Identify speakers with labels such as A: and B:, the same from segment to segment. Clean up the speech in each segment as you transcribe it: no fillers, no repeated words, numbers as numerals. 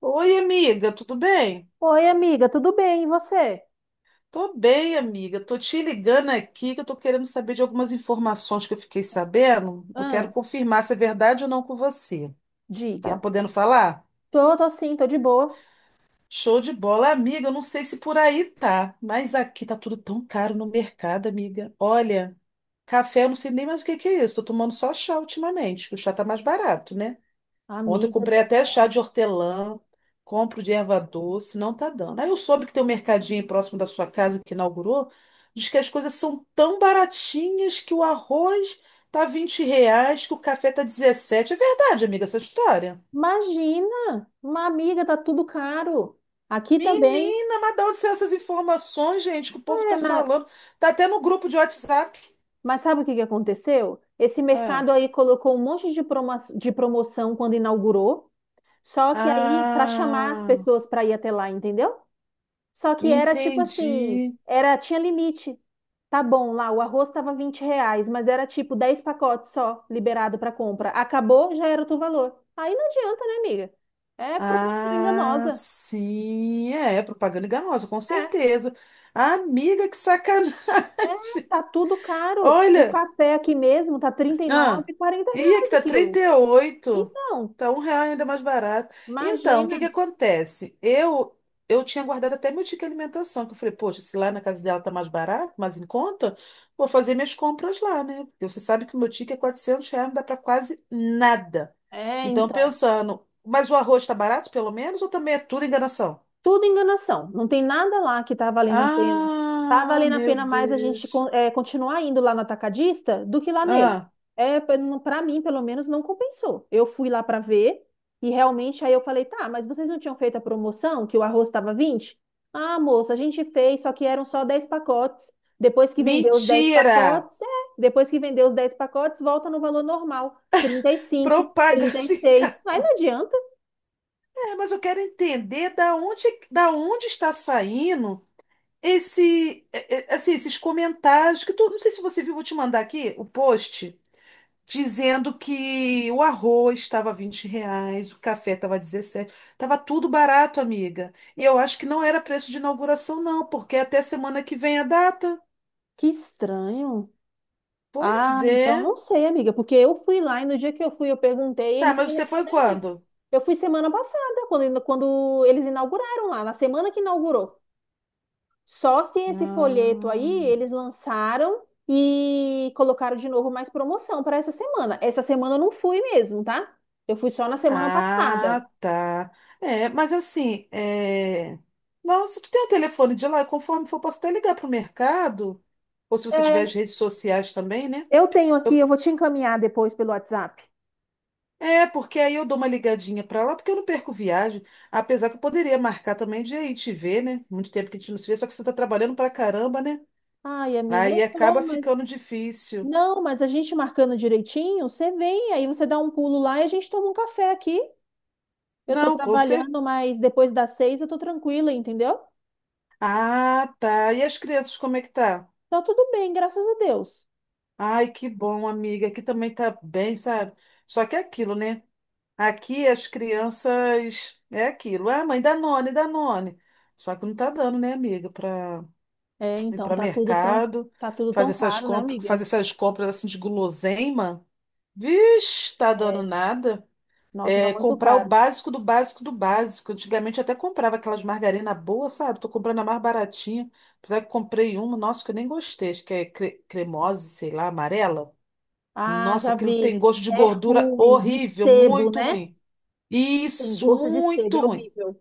A: Oi, amiga, tudo bem?
B: Oi, amiga, tudo bem? E você?
A: Tô bem, amiga. Tô te ligando aqui que eu tô querendo saber de algumas informações que eu fiquei sabendo. Eu quero
B: Ah,
A: confirmar se é verdade ou não com você. Tá
B: diga.
A: podendo falar?
B: Tô sim, tô de boa.
A: Show de bola, amiga. Eu não sei se por aí tá, mas aqui tá tudo tão caro no mercado, amiga. Olha, café eu não sei nem mais o que que é isso. Tô tomando só chá ultimamente, que o chá tá mais barato, né? Ontem eu
B: Amiga, do
A: comprei até chá
B: céu.
A: de hortelã, compro de erva doce, não tá dando. Aí eu soube que tem um mercadinho próximo da sua casa que inaugurou, diz que as coisas são tão baratinhas que o arroz tá R$ 20, que o café tá 17. É verdade, amiga, essa história?
B: Imagina! Uma amiga, tá tudo caro. Aqui também.
A: Menina, mas de onde são essas informações, gente, que o povo
B: É,
A: tá
B: na-
A: falando? Tá até no grupo de WhatsApp.
B: Mas sabe o que que aconteceu? Esse
A: Ah,
B: mercado aí colocou um monte de promoção quando inaugurou, só que aí, para chamar as
A: ah,
B: pessoas para ir até lá, entendeu? Só que era tipo assim,
A: entendi.
B: era tinha limite. Tá bom, lá o arroz estava R$ 20, mas era tipo 10 pacotes só liberado para compra. Acabou, já era o teu valor. Aí não adianta, né, amiga? É promoção
A: Ah,
B: enganosa.
A: sim, é, propaganda enganosa, com
B: É,
A: certeza. Amiga, que sacanagem.
B: é, tá tudo caro. O
A: Olha,
B: café aqui mesmo tá trinta e
A: ah,
B: nove 40
A: ia que
B: reais o
A: tá trinta
B: quilo.
A: e oito
B: Então,
A: tá R$ 1 ainda mais barato. Então, o
B: imagina.
A: que que acontece? Eu tinha guardado até meu ticket de alimentação, que eu falei, poxa, se lá na casa dela tá mais barato, mais em conta, vou fazer minhas compras lá, né? Porque você sabe que o meu ticket é R$ 400, não dá pra quase nada.
B: É,
A: Então, pensando, mas o arroz tá barato, pelo menos, ou também é tudo enganação?
B: tudo enganação. Não tem nada lá que tá valendo a pena. Tá
A: Ah,
B: valendo a
A: meu
B: pena mais a gente
A: Deus.
B: continuar indo lá no atacadista do que lá nele.
A: Ah,
B: É, para mim, pelo menos, não compensou. Eu fui lá para ver e realmente aí eu falei, tá, mas vocês não tinham feito a promoção que o arroz estava 20. Ah, moça, a gente fez, só que eram só 10 pacotes. Depois que vendeu os 10
A: mentira!
B: pacotes, depois que vendeu os 10 pacotes, volta no valor normal, trinta trinta e cinco
A: Propaganda
B: trinta e
A: em
B: seis Mas
A: cartão.
B: não adianta.
A: É, mas eu quero entender da onde está saindo esse, assim, esses comentários que tu, não sei se você viu, vou te mandar aqui o post dizendo que o arroz estava R$ 20, o café estava 17, estava tudo barato, amiga. E eu acho que não era preço de inauguração, não, porque até semana que vem a data.
B: Que estranho. Ah,
A: Pois
B: então
A: é.
B: não sei, amiga, porque eu fui lá e no dia que eu fui eu perguntei e
A: Tá,
B: eles me
A: mas você foi
B: responderam isso.
A: quando?
B: Eu fui semana passada, quando eles inauguraram lá, na semana que inaugurou. Só se esse folheto aí
A: Ah,
B: eles lançaram e colocaram de novo mais promoção para essa semana. Essa semana eu não fui mesmo, tá? Eu fui só na semana passada.
A: ah, tá. É, mas assim, Nossa, tu tem o telefone de lá, e conforme for, posso até ligar pro mercado, ou se você tiver as
B: É.
A: redes sociais também, né?
B: Eu tenho aqui,
A: Eu-
B: eu vou te encaminhar depois pelo WhatsApp.
A: É, porque aí eu dou uma ligadinha pra lá, porque eu não perco viagem, apesar que eu poderia marcar também de ir te ver, né? Muito tempo que a gente não se vê, só que você tá trabalhando pra caramba, né?
B: Ai, amiga, eu
A: Aí
B: tô,
A: acaba
B: mas.
A: ficando difícil.
B: Não, mas a gente marcando direitinho, você vem, aí você dá um pulo lá e a gente toma um café aqui. Eu tô
A: Não, com certeza.
B: trabalhando, mas depois das seis eu tô tranquila, entendeu?
A: Ah, tá. E as crianças, como é que tá?
B: Tá tudo bem, graças a Deus.
A: Ai, que bom, amiga. Aqui também tá bem, sabe? Só que é aquilo, né? Aqui as crianças é aquilo. Ah, mãe, Danone, Danone. Só que não tá dando, né, amiga, para
B: É,
A: ir
B: então,
A: para mercado,
B: tá tudo tão caro, né, amiga?
A: fazer essas compras assim de guloseima. Vixe, tá dando
B: É,
A: nada.
B: nossa, tá
A: É,
B: muito
A: comprar o
B: caro.
A: básico do básico do básico. Antigamente eu até comprava aquelas margarina boa, sabe? Tô comprando a mais baratinha. Apesar que comprei uma, nossa, que eu nem gostei, acho que é cremosa, sei lá, amarela.
B: Ah,
A: Nossa,
B: já
A: aquilo tem
B: vi.
A: gosto de
B: É
A: gordura
B: ruim, de
A: horrível,
B: sebo,
A: muito
B: né?
A: ruim.
B: Tem
A: Isso,
B: gosto de sebo,
A: muito
B: é
A: ruim.
B: horrível.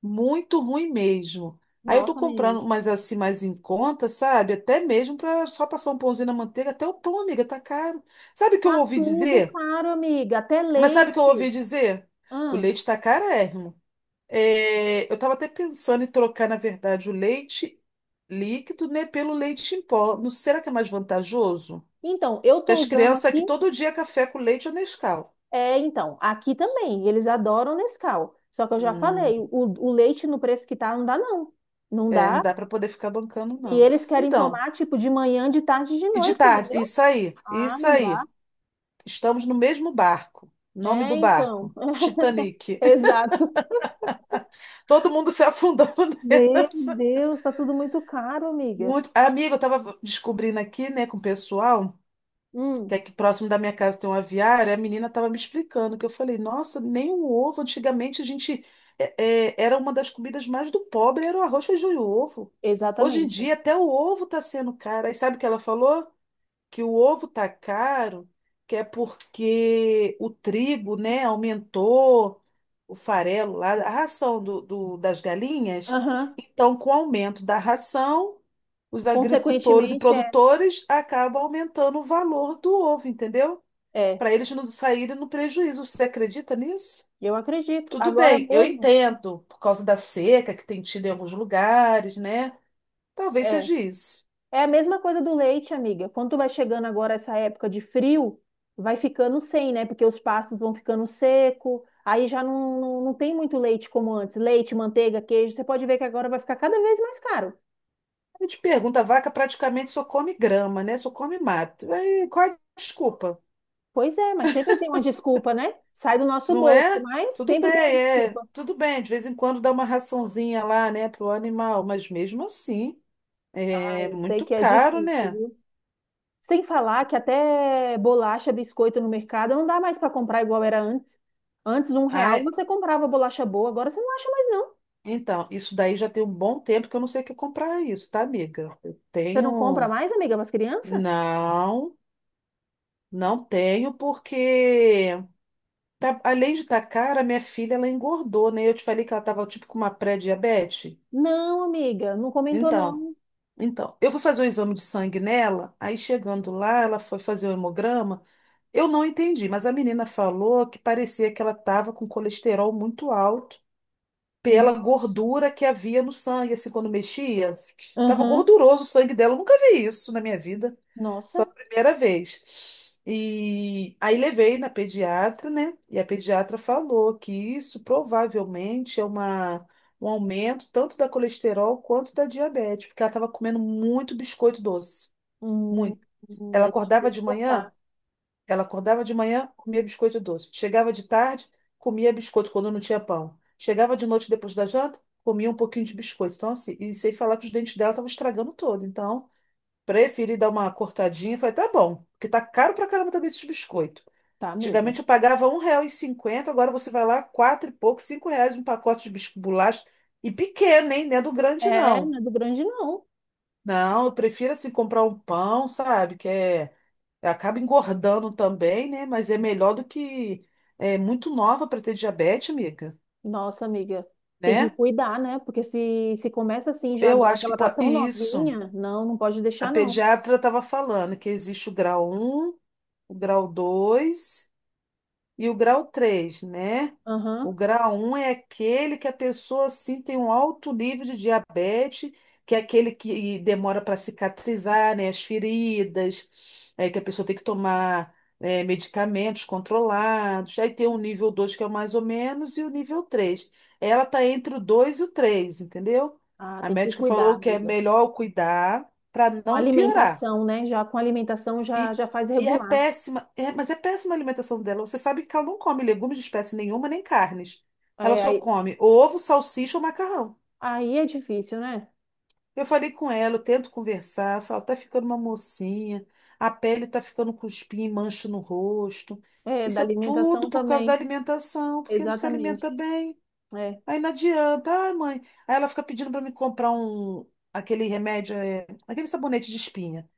A: Muito ruim mesmo. Aí eu tô
B: Nossa, menina.
A: comprando mas assim, mais em conta, sabe? Até mesmo para só passar um pãozinho na manteiga, até o pão, amiga, tá caro. Sabe o que eu
B: Tá
A: ouvi
B: tudo
A: dizer?
B: caro, amiga. Até
A: Mas sabe o que eu ouvi
B: leite.
A: dizer? O
B: Hum.
A: leite tá carérrimo. É, eu tava até pensando em trocar, na verdade, o leite líquido, né, pelo leite em pó. Não será que é mais vantajoso?
B: Então, eu tô
A: As
B: usando
A: crianças
B: aqui.
A: aqui todo dia é café com leite ou Nescau.
B: É, então, aqui também, eles adoram Nescau. Só que eu já
A: Hum.
B: falei, o leite no preço que tá, não dá, não. Não
A: É, não
B: dá.
A: dá para poder ficar bancando,
B: E
A: não.
B: eles querem
A: Então,
B: tomar, tipo, de manhã, de tarde, e de
A: e de
B: noite,
A: tarde?
B: entendeu?
A: Isso aí,
B: Ah,
A: isso
B: não dá.
A: aí. Estamos no mesmo barco. Nome
B: É,
A: do
B: então.
A: barco: Titanic.
B: Exato.
A: Todo mundo se afundando
B: Meu
A: nessa.
B: Deus, tá tudo muito caro, amiga.
A: Muito. Amiga, eu tava descobrindo aqui, né, com o pessoal,
B: Hum,
A: que aqui próximo da minha casa tem um aviário, e a menina tava me explicando, que eu falei, nossa, nem um ovo. Antigamente a gente, é, era uma das comidas mais do pobre, era o arroz, feijão e ovo. Hoje em
B: exatamente.
A: dia, até o ovo tá sendo caro. Aí sabe o que ela falou? Que o ovo tá caro, que é porque o trigo, né, aumentou o farelo lá, a ração das galinhas.
B: Aham.
A: Então, com o aumento da ração, os agricultores e
B: Consequentemente, é.
A: produtores acabam aumentando o valor do ovo, entendeu?
B: É,
A: Para eles não saírem no prejuízo. Você acredita nisso?
B: eu acredito.
A: Tudo
B: Agora
A: bem, eu
B: mesmo,
A: entendo, por causa da seca que tem tido em alguns lugares, né? Talvez
B: é.
A: seja isso.
B: É a mesma coisa do leite, amiga. Quando tu vai chegando agora essa época de frio, vai ficando sem, né? Porque os pastos vão ficando seco, aí já não tem muito leite como antes. Leite, manteiga, queijo. Você pode ver que agora vai ficar cada vez mais caro.
A: A gente pergunta, a vaca praticamente só come grama, né? Só come mato. Aí, qual é a desculpa?
B: Pois é, mas sempre tem uma desculpa, né? Sai do nosso
A: Não
B: bolso,
A: é?
B: mas
A: Tudo
B: sempre
A: bem,
B: tem uma
A: é.
B: desculpa.
A: Tudo bem, de vez em quando dá uma raçãozinha lá, né, pro animal, mas mesmo assim,
B: Ah,
A: é
B: eu sei
A: muito
B: que é
A: caro,
B: difícil,
A: né?
B: viu? Sem falar que até bolacha, biscoito no mercado não dá mais para comprar igual era antes. Antes, R$ 1
A: Ah,
B: você comprava bolacha boa, agora você não acha mais não.
A: então, isso daí já tem um bom tempo que eu não sei o que comprar isso, tá, amiga? Eu
B: Você não compra
A: tenho.
B: mais, amiga, para as crianças?
A: Não, não tenho, porque além de estar cara, minha filha, ela engordou, né? Eu te falei que ela tava tipo com uma pré-diabetes.
B: Não, amiga, não comentou
A: Então,
B: não.
A: Eu fui fazer um exame de sangue nela, aí chegando lá, ela foi fazer o hemograma. Eu não entendi, mas a menina falou que parecia que ela estava com colesterol muito alto pela
B: Nossa.
A: gordura que havia no sangue, assim, quando mexia, estava
B: Aham.
A: gorduroso o sangue dela. Eu nunca vi isso na minha vida. Foi
B: Nossa.
A: a primeira vez. E aí levei na pediatra, né? E a pediatra falou que isso provavelmente é um aumento tanto da colesterol quanto da diabetes, porque ela estava comendo muito biscoito doce,
B: Hum,
A: muito. Ela
B: aí você já
A: acordava
B: teve que
A: de manhã,
B: cortar.
A: comia biscoito doce. Chegava de tarde, comia biscoito quando não tinha pão. Chegava de noite depois da janta, comia um pouquinho de biscoito. Então, assim, e sem falar que os dentes dela estavam estragando todo. Então, preferi dar uma cortadinha. Falei, tá bom, porque tá caro pra caramba também esses biscoitos.
B: Tá mesmo.
A: Antigamente eu pagava R$ 1,50, agora você vai lá, quatro e pouco, R$ 5 um pacote de bisco bolacha. E pequeno, hein? Não é do grande,
B: É,
A: não.
B: não é do grande não.
A: Não, eu prefiro assim comprar um pão, sabe? Que é. Acaba engordando também, né? Mas é melhor do que. É muito nova para ter diabetes, amiga,
B: Nossa, amiga, tem que
A: né?
B: cuidar, né? Porque se começa assim já
A: Eu
B: agora que
A: acho que
B: ela tá
A: pode.
B: tão
A: Isso.
B: novinha, não, não pode
A: A
B: deixar não.
A: pediatra estava falando que existe o grau um, o grau dois, e o grau 3, né? O
B: Aham.
A: grau um é aquele que a pessoa assim tem um alto nível de diabetes, que é aquele que demora para cicatrizar, né? As feridas, é, que a pessoa tem que tomar, é, medicamentos controlados. Aí tem o nível dois, que é o mais ou menos, e o nível 3. Ela está entre o 2 e o 3, entendeu?
B: Ah,
A: A
B: tem que
A: médica
B: cuidar,
A: falou que é
B: amiga.
A: melhor eu cuidar para
B: Com
A: não piorar.
B: alimentação, né? Já com alimentação já,
A: E,
B: já faz
A: e é
B: regular.
A: péssima, mas é péssima a alimentação dela. Você sabe que ela não come legumes de espécie nenhuma, nem carnes. Ela
B: É,
A: só
B: aí,
A: come ovo, salsicha ou macarrão.
B: aí é difícil, né?
A: Eu falei com ela, eu tento conversar, falo, tá ficando uma mocinha, a pele tá ficando com espinha e mancha no rosto.
B: É, da
A: Isso é
B: alimentação
A: tudo por causa da
B: também.
A: alimentação, porque não se
B: Exatamente.
A: alimenta bem.
B: É.
A: Aí não adianta, ai, mãe. Aí ela fica pedindo para me comprar aquele remédio, aquele sabonete de espinha.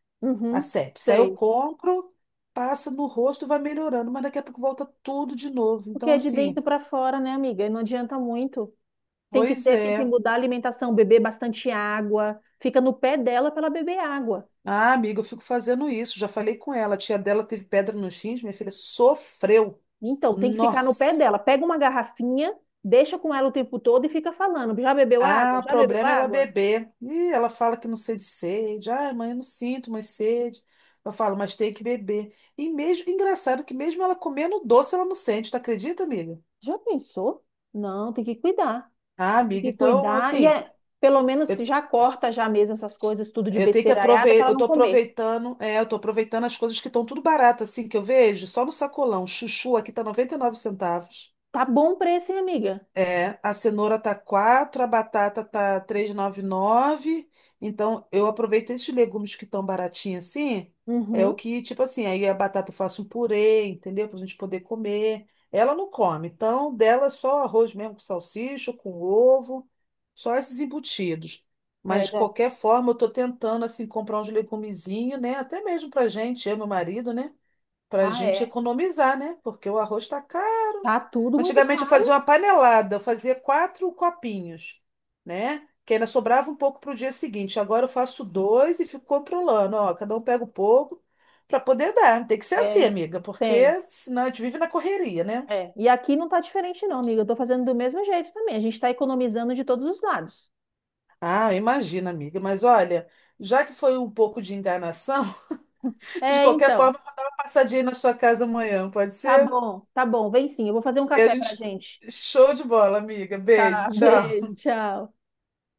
A: A
B: Uhum.
A: sepse. Aí eu
B: Sei.
A: compro, passa no rosto, vai melhorando, mas daqui a pouco volta tudo de novo.
B: Porque
A: Então,
B: é de dentro
A: assim,
B: para fora, né, amiga? E não adianta muito.
A: pois
B: Tem que
A: é.
B: mudar a alimentação, beber bastante água. Fica no pé dela para ela beber água.
A: Ah, amiga, eu fico fazendo isso. Já falei com ela. A tia dela teve pedra nos rins, minha filha sofreu.
B: Então, tem que ficar no pé
A: Nossa.
B: dela. Pega uma garrafinha, deixa com ela o tempo todo e fica falando. Já bebeu água?
A: Ah, o
B: Já bebeu
A: problema é ela
B: água?
A: beber. Ih, ela fala que não sente sede. Ah, mãe, eu não sinto mais sede. Eu falo, mas tem que beber. E mesmo, engraçado que mesmo ela comendo doce, ela não sente, tu acredita, amiga?
B: Já pensou? Não, tem que cuidar.
A: Ah,
B: Tem
A: amiga,
B: que
A: então,
B: cuidar. E
A: assim.
B: é, pelo menos
A: eu
B: já corta já mesmo essas coisas, tudo de
A: Eu tenho que
B: besteiraiada para
A: aproveitar,
B: ela não comer.
A: eu tô aproveitando as coisas que estão tudo barato, assim, que eu vejo, só no sacolão. Chuchu aqui tá 99 centavos.
B: Tá bom preço, hein, amiga?
A: É, a cenoura tá quatro, a batata tá 3,99. Então, eu aproveito esses legumes que estão baratinhos assim. É o
B: Uhum.
A: que, tipo assim, aí a batata eu faço um purê, entendeu? Pra gente poder comer. Ela não come, então dela é só arroz mesmo com salsicha, com ovo, só esses embutidos.
B: É,
A: Mas de
B: já.
A: qualquer forma, eu tô tentando assim comprar uns legumezinhos, né? Até mesmo pra gente, eu e meu marido, né? Pra
B: Ah,
A: gente
B: é.
A: economizar, né? Porque o arroz tá caro.
B: Tá tudo muito
A: Antigamente eu fazia uma
B: caro.
A: panelada, eu fazia quatro copinhos, né? Que ainda sobrava um pouco para o dia seguinte. Agora eu faço dois e fico controlando, ó, cada um pega um pouco para poder dar. Tem que ser
B: É,
A: assim, amiga,
B: tem.
A: porque senão a gente vive na correria, né?
B: É. E aqui não tá diferente, não, amiga. Eu tô fazendo do mesmo jeito também. A gente tá economizando de todos os lados.
A: Ah, imagina, amiga. Mas olha, já que foi um pouco de enganação, de
B: É,
A: qualquer
B: então.
A: forma, eu vou dar uma passadinha aí na sua casa amanhã, pode
B: Tá
A: ser?
B: bom, tá bom. Vem sim. Eu vou fazer um
A: E a
B: café pra
A: gente.
B: gente.
A: Show de bola, amiga. Beijo,
B: Tá,
A: tchau.
B: beijo, tchau.